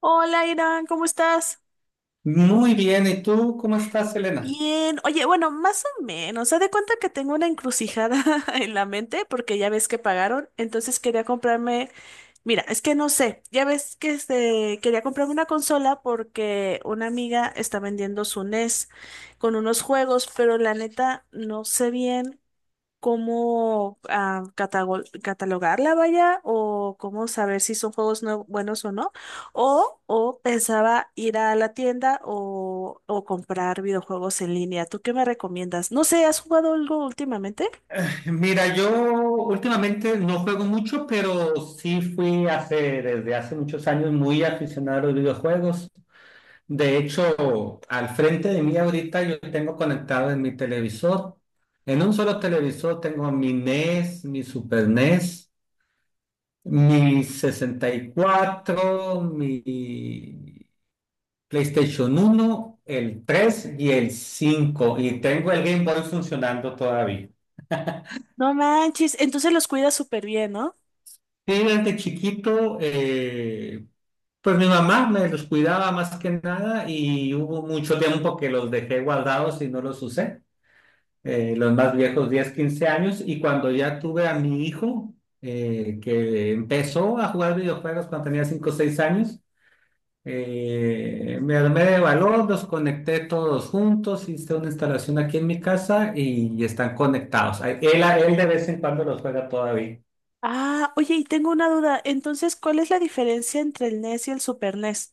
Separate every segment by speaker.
Speaker 1: Hola, Irán, ¿cómo estás?
Speaker 2: Muy bien, ¿y tú cómo estás, Elena?
Speaker 1: Bien. Oye, bueno, más o menos. Haz de cuenta que tengo una encrucijada en la mente porque ya ves que pagaron, entonces quería comprarme. Mira, es que no sé. Ya ves que este, quería comprarme una consola porque una amiga está vendiendo su NES con unos juegos, pero la neta no sé bien cómo catalogarla, vaya, o cómo saber si son juegos no buenos o no. O pensaba ir a la tienda o comprar videojuegos en línea. ¿Tú qué me recomiendas? No sé, ¿has jugado algo últimamente?
Speaker 2: Mira, yo últimamente no juego mucho, pero sí fui desde hace muchos años muy aficionado a los videojuegos. De hecho, al frente de mí ahorita yo tengo conectado en mi televisor. En un solo televisor tengo mi NES, mi Super NES, mi 64, mi PlayStation 1, el 3 y el 5. Y tengo el Game Boy funcionando todavía.
Speaker 1: No manches, entonces los cuidas súper bien, ¿no?
Speaker 2: Sí, desde chiquito, pues mi mamá me los cuidaba más que nada y hubo mucho tiempo que los dejé guardados y no los usé, los más viejos 10, 15 años, y cuando ya tuve a mi hijo, que empezó a jugar videojuegos cuando tenía 5 o 6 años, me armé de valor, los conecté todos juntos, hice una instalación aquí en mi casa y están conectados. Él de vez en cuando los juega todavía.
Speaker 1: Ah, oye, y tengo una duda. Entonces, ¿cuál es la diferencia entre el NES y el Super NES?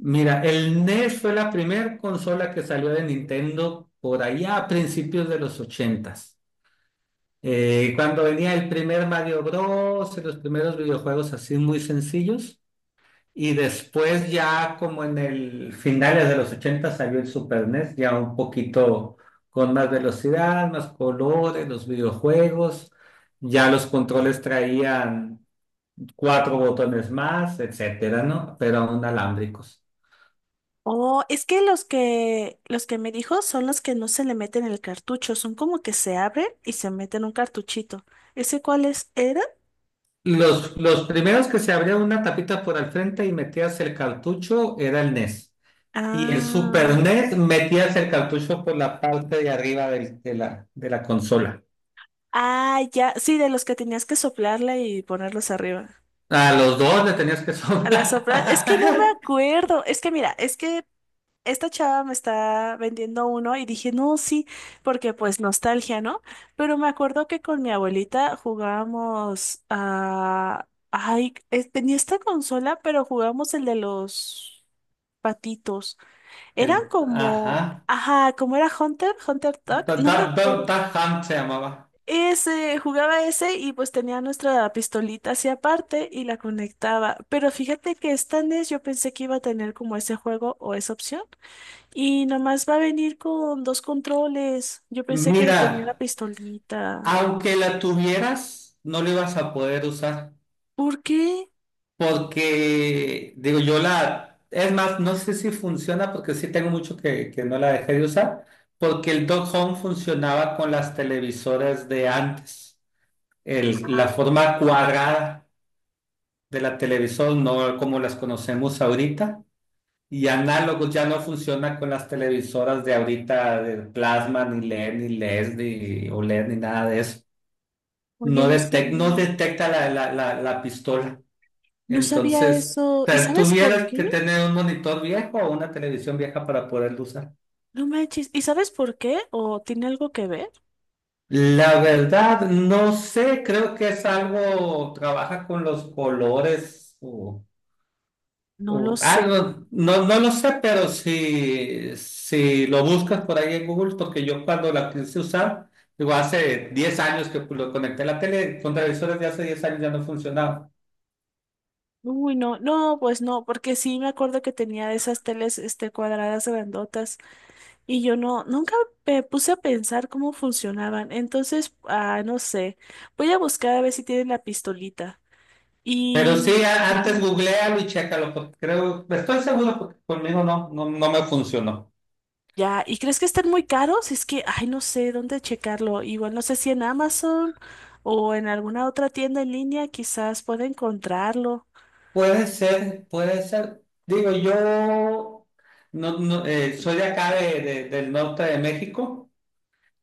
Speaker 2: Mira, el NES fue la primera consola que salió de Nintendo por allá a principios de los ochentas. Cuando venía el primer Mario Bros. Y los primeros videojuegos así muy sencillos. Y después ya como en el finales de los ochentas salió el Super NES, ya un poquito con más velocidad, más colores, los videojuegos. Ya los controles traían cuatro botones más, etcétera, ¿no? Pero aún alámbricos.
Speaker 1: Oh, es que los que me dijo son los que no se le meten el cartucho, son como que se abren y se meten un cartuchito. ¿Ese cuáles eran?
Speaker 2: Los primeros, que se abría una tapita por al frente y metías el cartucho, era el NES. Y el Super
Speaker 1: Ah,
Speaker 2: NES, metías el cartucho por la parte de arriba de la consola.
Speaker 1: ah, ya, sí, de los que tenías que soplarle y ponerlos arriba.
Speaker 2: A los dos le tenías que
Speaker 1: A la
Speaker 2: sobrar.
Speaker 1: sopla. Es que no me acuerdo. Es que mira, es que esta chava me está vendiendo uno y dije, no, sí, porque pues nostalgia, ¿no? Pero me acuerdo que con mi abuelita jugábamos a... Ay, tenía esta consola, pero jugábamos el de los patitos. Eran
Speaker 2: El,
Speaker 1: como...
Speaker 2: ajá.
Speaker 1: Ajá, como era Hunter, Hunter Duck,
Speaker 2: Da,
Speaker 1: no
Speaker 2: da,
Speaker 1: me
Speaker 2: da-
Speaker 1: acuerdo.
Speaker 2: da Hunt se llamaba.
Speaker 1: Ese, jugaba ese y pues tenía nuestra pistolita hacia aparte y la conectaba. Pero fíjate que esta NES yo pensé que iba a tener como ese juego o esa opción. Y nomás va a venir con dos controles. Yo pensé que
Speaker 2: Mira,
Speaker 1: tenía la pistolita.
Speaker 2: aunque la tuvieras, no lo ibas a poder usar.
Speaker 1: ¿Por qué?
Speaker 2: Porque, digo, yo la... Es más, no sé si funciona porque sí tengo mucho que no la dejé de usar, porque el Dog Home funcionaba con las televisoras de antes. La
Speaker 1: Ah,
Speaker 2: forma cuadrada de la televisor, no como las conocemos ahorita. Y análogos ya no funciona con las televisoras de ahorita, de plasma, ni LED, ni OLED, ni nada de eso.
Speaker 1: oye,
Speaker 2: No,
Speaker 1: no
Speaker 2: no
Speaker 1: sabía,
Speaker 2: detecta la pistola.
Speaker 1: no sabía
Speaker 2: Entonces,
Speaker 1: eso. ¿Y
Speaker 2: te-
Speaker 1: sabes por
Speaker 2: tuvieras
Speaker 1: qué?
Speaker 2: que tener un monitor viejo o una televisión vieja para poderlo usar.
Speaker 1: No manches. ¿Y sabes por qué? ¿O tiene algo que ver?
Speaker 2: La verdad, no sé, creo que es algo, trabaja con los colores, o,
Speaker 1: No lo
Speaker 2: o
Speaker 1: sé.
Speaker 2: algo, no, no lo sé, pero si, si lo buscas por ahí en Google, porque yo cuando la quise usar, digo, hace 10 años que lo conecté a la tele, con televisores de hace 10 años ya no funcionaba.
Speaker 1: Uy, no, no, pues no, porque sí me acuerdo que tenía esas teles, este, cuadradas grandotas y yo no, nunca me puse a pensar cómo funcionaban. Entonces, ah, no sé. Voy a buscar a ver si tienen la pistolita.
Speaker 2: Pero sí,
Speaker 1: Y
Speaker 2: antes
Speaker 1: ujú,
Speaker 2: googlealo y chécalo, porque creo, estoy seguro, porque conmigo no, no, no me funcionó.
Speaker 1: ya, ¿y crees que estén muy caros? Es que, ay, no sé dónde checarlo. Igual no sé si en Amazon o en alguna otra tienda en línea quizás pueda encontrarlo.
Speaker 2: Puede ser, puede ser. Digo, yo no, no, soy de acá del norte de México,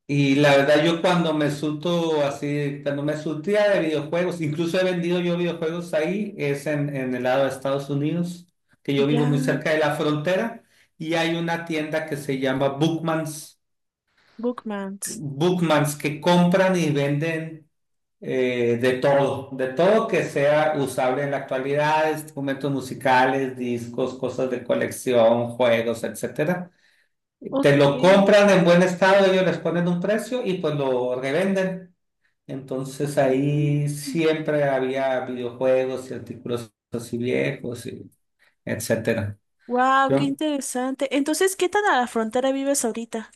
Speaker 2: y la verdad yo cuando me surto así, cuando me surtía de videojuegos, incluso he vendido yo videojuegos ahí, es en, el lado de Estados Unidos, que yo vivo muy
Speaker 1: Ya,
Speaker 2: cerca de la frontera, y hay una tienda que se llama Bookmans.
Speaker 1: Bookmans.
Speaker 2: Bookmans, que compran y venden de todo que sea usable en la actualidad: instrumentos musicales, discos, cosas de colección, juegos, etcétera. Te
Speaker 1: Ok.
Speaker 2: lo compran en buen estado, ellos les ponen un precio y pues lo revenden. Entonces ahí siempre había videojuegos y artículos así viejos, y etcétera.
Speaker 1: Wow, qué
Speaker 2: Yo
Speaker 1: interesante. Entonces, ¿qué tan a la frontera vives ahorita?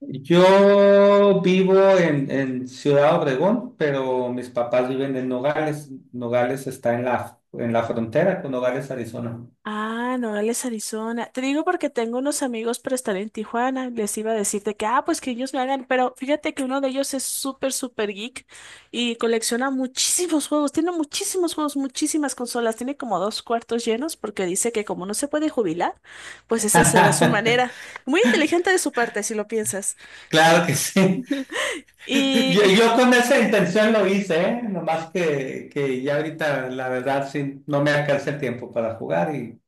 Speaker 2: Yo vivo en, Ciudad Obregón, pero mis papás viven en Nogales. Nogales está en la frontera con Nogales, Arizona.
Speaker 1: Ah, Nogales, Arizona. Te digo porque tengo unos amigos pero están en Tijuana. Les iba a decirte que, ah, pues que ellos me hagan, pero fíjate que uno de ellos es súper, súper geek y colecciona muchísimos juegos. Tiene muchísimos juegos, muchísimas consolas. Tiene como dos cuartos llenos porque dice que como no se puede jubilar, pues esa será su manera. Muy inteligente de su parte, si lo piensas.
Speaker 2: Claro que sí. Yo,
Speaker 1: Y
Speaker 2: yo con esa intención lo hice, ¿eh? Nomás que ya ahorita, la verdad, sí, no me alcanza el tiempo para jugar.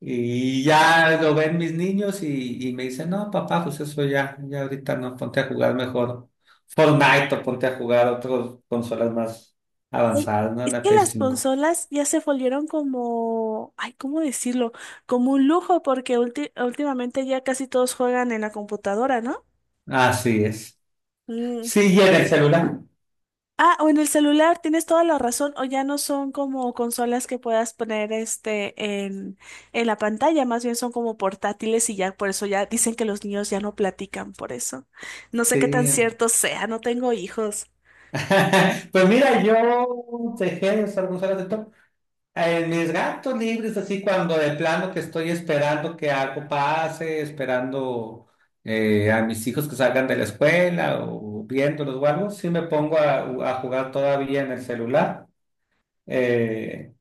Speaker 2: Y ya lo ven mis niños y me dicen, no, papá, pues eso ya, ya ahorita no, ponte a jugar mejor Fortnite, o ponte a jugar otras consolas más
Speaker 1: ey,
Speaker 2: avanzadas, ¿no?
Speaker 1: es
Speaker 2: La
Speaker 1: que
Speaker 2: Play
Speaker 1: las
Speaker 2: 5.
Speaker 1: consolas ya se volvieron como, ay, ¿cómo decirlo? Como un lujo, porque últimamente ya casi todos juegan en la computadora, ¿no?
Speaker 2: Así es.
Speaker 1: Mm.
Speaker 2: Sí, y en el celular.
Speaker 1: Ah, o en el celular, tienes toda la razón, o ya no son como consolas que puedas poner este en, en la pantalla, más bien son como portátiles y ya por eso ya dicen que los niños ya no platican por eso. No sé qué tan
Speaker 2: Sí.
Speaker 1: cierto sea, no tengo hijos.
Speaker 2: Pues mira, yo dejé de usar consolas de En mis gatos libres, así cuando de plano que estoy esperando que algo pase, esperando a mis hijos que salgan de la escuela, o viéndolos o algo, sí me pongo a, jugar todavía en el celular. Eh,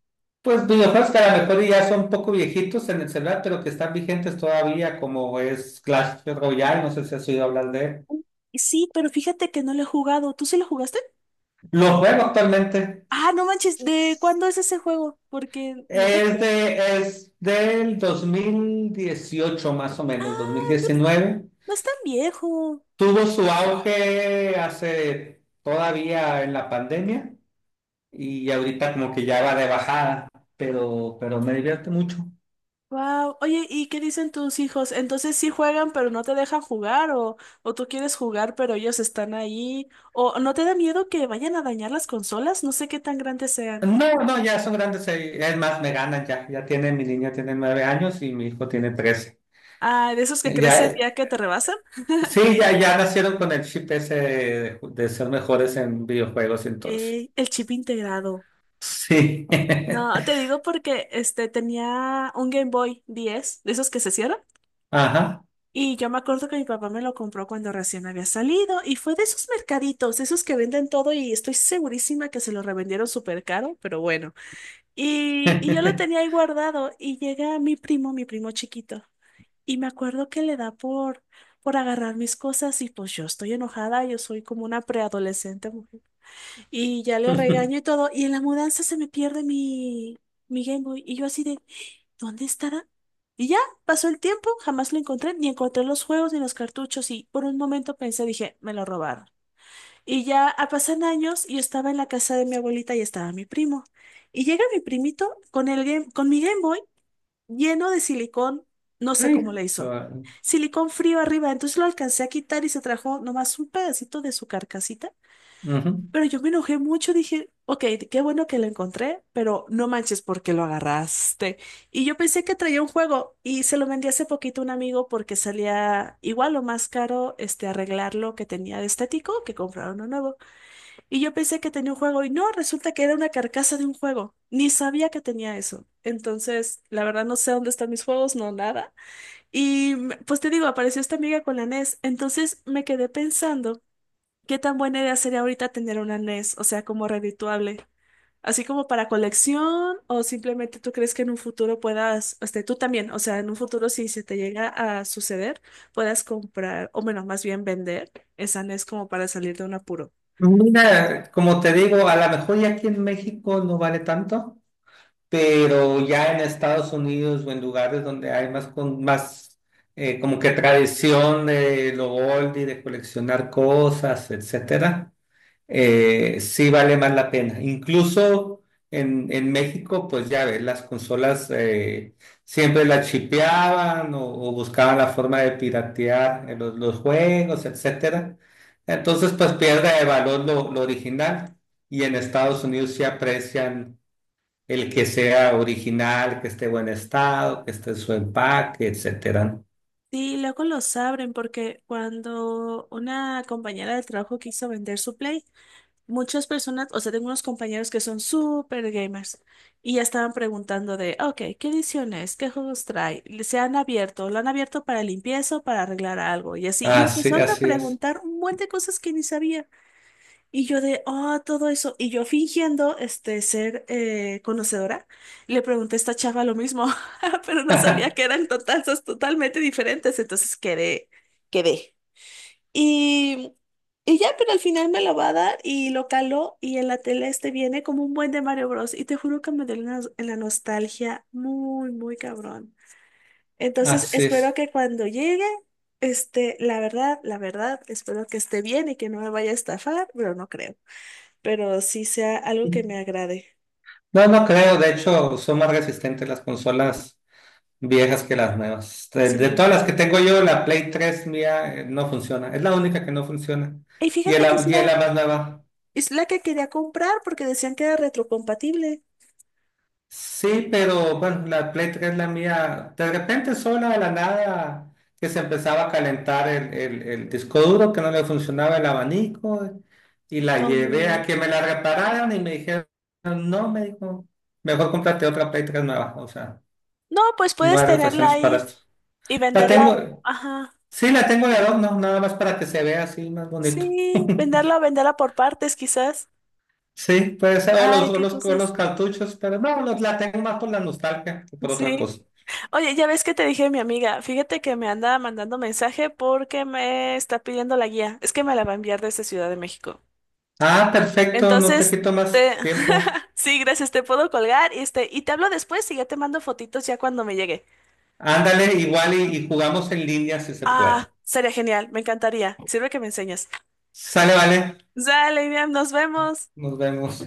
Speaker 2: pues videojuegos que a lo mejor ya son un poco viejitos en el celular, pero que están vigentes todavía, como es Clash Royale, no sé si has oído hablar de él.
Speaker 1: Sí, pero fíjate que no lo he jugado. ¿Tú sí lo jugaste?
Speaker 2: Lo juego actualmente.
Speaker 1: Ah, no manches, ¿de cuándo es ese juego? Porque no
Speaker 2: Es
Speaker 1: recuerdo.
Speaker 2: de, es del 2018 más o
Speaker 1: Ah,
Speaker 2: menos, dos mil
Speaker 1: no, es
Speaker 2: diecinueve
Speaker 1: no es tan viejo.
Speaker 2: Tuvo su auge hace todavía en la pandemia, y ahorita como que ya va de bajada, pero me divierte mucho.
Speaker 1: Wow. Oye, ¿y qué dicen tus hijos? Entonces sí juegan, pero no te dejan jugar, o tú quieres jugar, pero ellos están ahí. ¿O no te da miedo que vayan a dañar las consolas? No sé qué tan grandes sean.
Speaker 2: No, no, ya son grandes, es más, me ganan ya, ya mi niña tiene 9 años y mi hijo tiene 13.
Speaker 1: Ah, de esos que crecen
Speaker 2: Ya,
Speaker 1: ya que te rebasan.
Speaker 2: sí, ya, ya nacieron con el chip ese de, ser mejores en videojuegos, entonces.
Speaker 1: Ey, el chip integrado.
Speaker 2: Sí,
Speaker 1: No, te digo porque este tenía un Game Boy 10, de esos que se cierran.
Speaker 2: ajá.
Speaker 1: Y yo me acuerdo que mi papá me lo compró cuando recién había salido y fue de esos mercaditos, esos que venden todo y estoy segurísima que se lo revendieron súper caro, pero bueno. Y yo lo tenía ahí guardado y llega mi primo chiquito, y me acuerdo que le da por agarrar mis cosas y pues yo estoy enojada, yo soy como una preadolescente mujer. Y ya le regaño y todo y en la mudanza se me pierde mi Game Boy y yo así de... ¿Dónde estará? Y ya, pasó el tiempo, jamás lo encontré, ni encontré los juegos ni los cartuchos y por un momento pensé, dije, me lo robaron. Y ya ah, pasan años y yo estaba en la casa de mi abuelita y estaba mi primo. Y llega mi primito con el game, con mi Game Boy lleno de silicón, no sé cómo
Speaker 2: Hijo.
Speaker 1: le hizo. Silicón frío arriba, entonces lo alcancé a quitar y se trajo nomás un pedacito de su carcasita
Speaker 2: Ujú.
Speaker 1: pero yo me enojé mucho, dije, ok, qué bueno que lo encontré, pero no manches porque lo agarraste. Y yo pensé que traía un juego y se lo vendí hace poquito a un amigo porque salía igual o más caro este arreglar lo que tenía de estético que comprar uno nuevo. Y yo pensé que tenía un juego y no, resulta que era una carcasa de un juego. Ni sabía que tenía eso. Entonces, la verdad no sé dónde están mis juegos, no nada. Y pues te digo, apareció esta amiga con la NES. Entonces me quedé pensando. ¿Qué tan buena idea sería ahorita tener una NES? O sea, como redituable. Así como para colección, o simplemente tú crees que en un futuro puedas, este, tú también, o sea, en un futuro si se te llega a suceder, puedas comprar, o bueno, más bien vender esa NES como para salir de un apuro.
Speaker 2: Mira, como te digo, a lo mejor ya aquí en México no vale tanto, pero ya en Estados Unidos o en lugares donde hay más, como que tradición de lo oldie, de coleccionar cosas, etcétera, sí vale más la pena. Incluso en México, pues ya ves, las consolas siempre las chipeaban, o buscaban la forma de piratear los juegos, etcétera. Entonces, pues pierde de valor lo original, y en Estados Unidos sí aprecian el que sea original, que esté en buen estado, que esté en su empaque, etcétera, ¿no?
Speaker 1: Sí, luego los abren porque cuando una compañera de trabajo quiso vender su Play, muchas personas, o sea, tengo unos compañeros que son súper gamers y ya estaban preguntando de, ok, ¿qué ediciones? ¿Qué juegos trae? ¿Se han abierto? ¿Lo han abierto para limpieza o para arreglar algo? Y así, y le
Speaker 2: Así,
Speaker 1: empezaron a
Speaker 2: así es.
Speaker 1: preguntar un buen de cosas que ni sabía. Y yo de, oh, todo eso. Y yo fingiendo, este, ser conocedora, le pregunté a esta chava lo mismo, pero no sabía que eran totalmente diferentes. Entonces quedé, quedé. Y, y ya, pero al final me lo va a dar y lo caló y en la tele este viene como un buen de Mario Bros. Y te juro que me dio en la nostalgia muy, muy cabrón. Entonces
Speaker 2: Así
Speaker 1: espero
Speaker 2: es.
Speaker 1: que cuando llegue, este, la verdad, espero que esté bien y que no me vaya a estafar, pero no creo. Pero sí sea algo que me agrade.
Speaker 2: No, no creo. De hecho, son más resistentes las consolas viejas que las nuevas. De todas
Speaker 1: Sí.
Speaker 2: las que tengo yo, la Play 3 mía no funciona. Es la única que no funciona.
Speaker 1: Y
Speaker 2: Y es
Speaker 1: fíjate que
Speaker 2: la, y es la más nueva.
Speaker 1: es la que quería comprar porque decían que era retrocompatible.
Speaker 2: Sí, pero bueno, la Play 3 la mía, de repente sola de la nada, que se empezaba a calentar el disco duro, que no le funcionaba el abanico, y la llevé a
Speaker 1: Como...
Speaker 2: que me la repararan y me dijeron, no, me dijo, mejor cómprate otra Play 3 nueva, o sea,
Speaker 1: No, pues
Speaker 2: no
Speaker 1: puedes
Speaker 2: hay
Speaker 1: tenerla
Speaker 2: refacciones para
Speaker 1: ahí
Speaker 2: esto.
Speaker 1: y
Speaker 2: La
Speaker 1: venderla.
Speaker 2: tengo,
Speaker 1: Ajá.
Speaker 2: sí, la tengo de adorno, no, nada más para que se vea así más bonito.
Speaker 1: Sí, venderla, venderla por partes quizás.
Speaker 2: Sí, puede ser, o
Speaker 1: Ay,
Speaker 2: los, o
Speaker 1: qué
Speaker 2: los, o los
Speaker 1: cosas.
Speaker 2: cartuchos, pero no, la tengo más por la nostalgia que por otra
Speaker 1: Sí.
Speaker 2: cosa.
Speaker 1: Oye, ya ves que te dije mi amiga, fíjate que me anda mandando mensaje porque me está pidiendo la guía. Es que me la va a enviar desde Ciudad de México.
Speaker 2: Ah, perfecto, no te
Speaker 1: Entonces,
Speaker 2: quito más
Speaker 1: te...
Speaker 2: tiempo.
Speaker 1: sí, gracias, te puedo colgar y, este, y te hablo después y ya te mando fotitos ya cuando me llegue.
Speaker 2: Ándale, igual y jugamos en línea si se puede.
Speaker 1: Ah, sería genial, me encantaría. Sirve que me enseñas.
Speaker 2: Sale, vale,
Speaker 1: Sale, Iriam, nos vemos.
Speaker 2: nos vemos.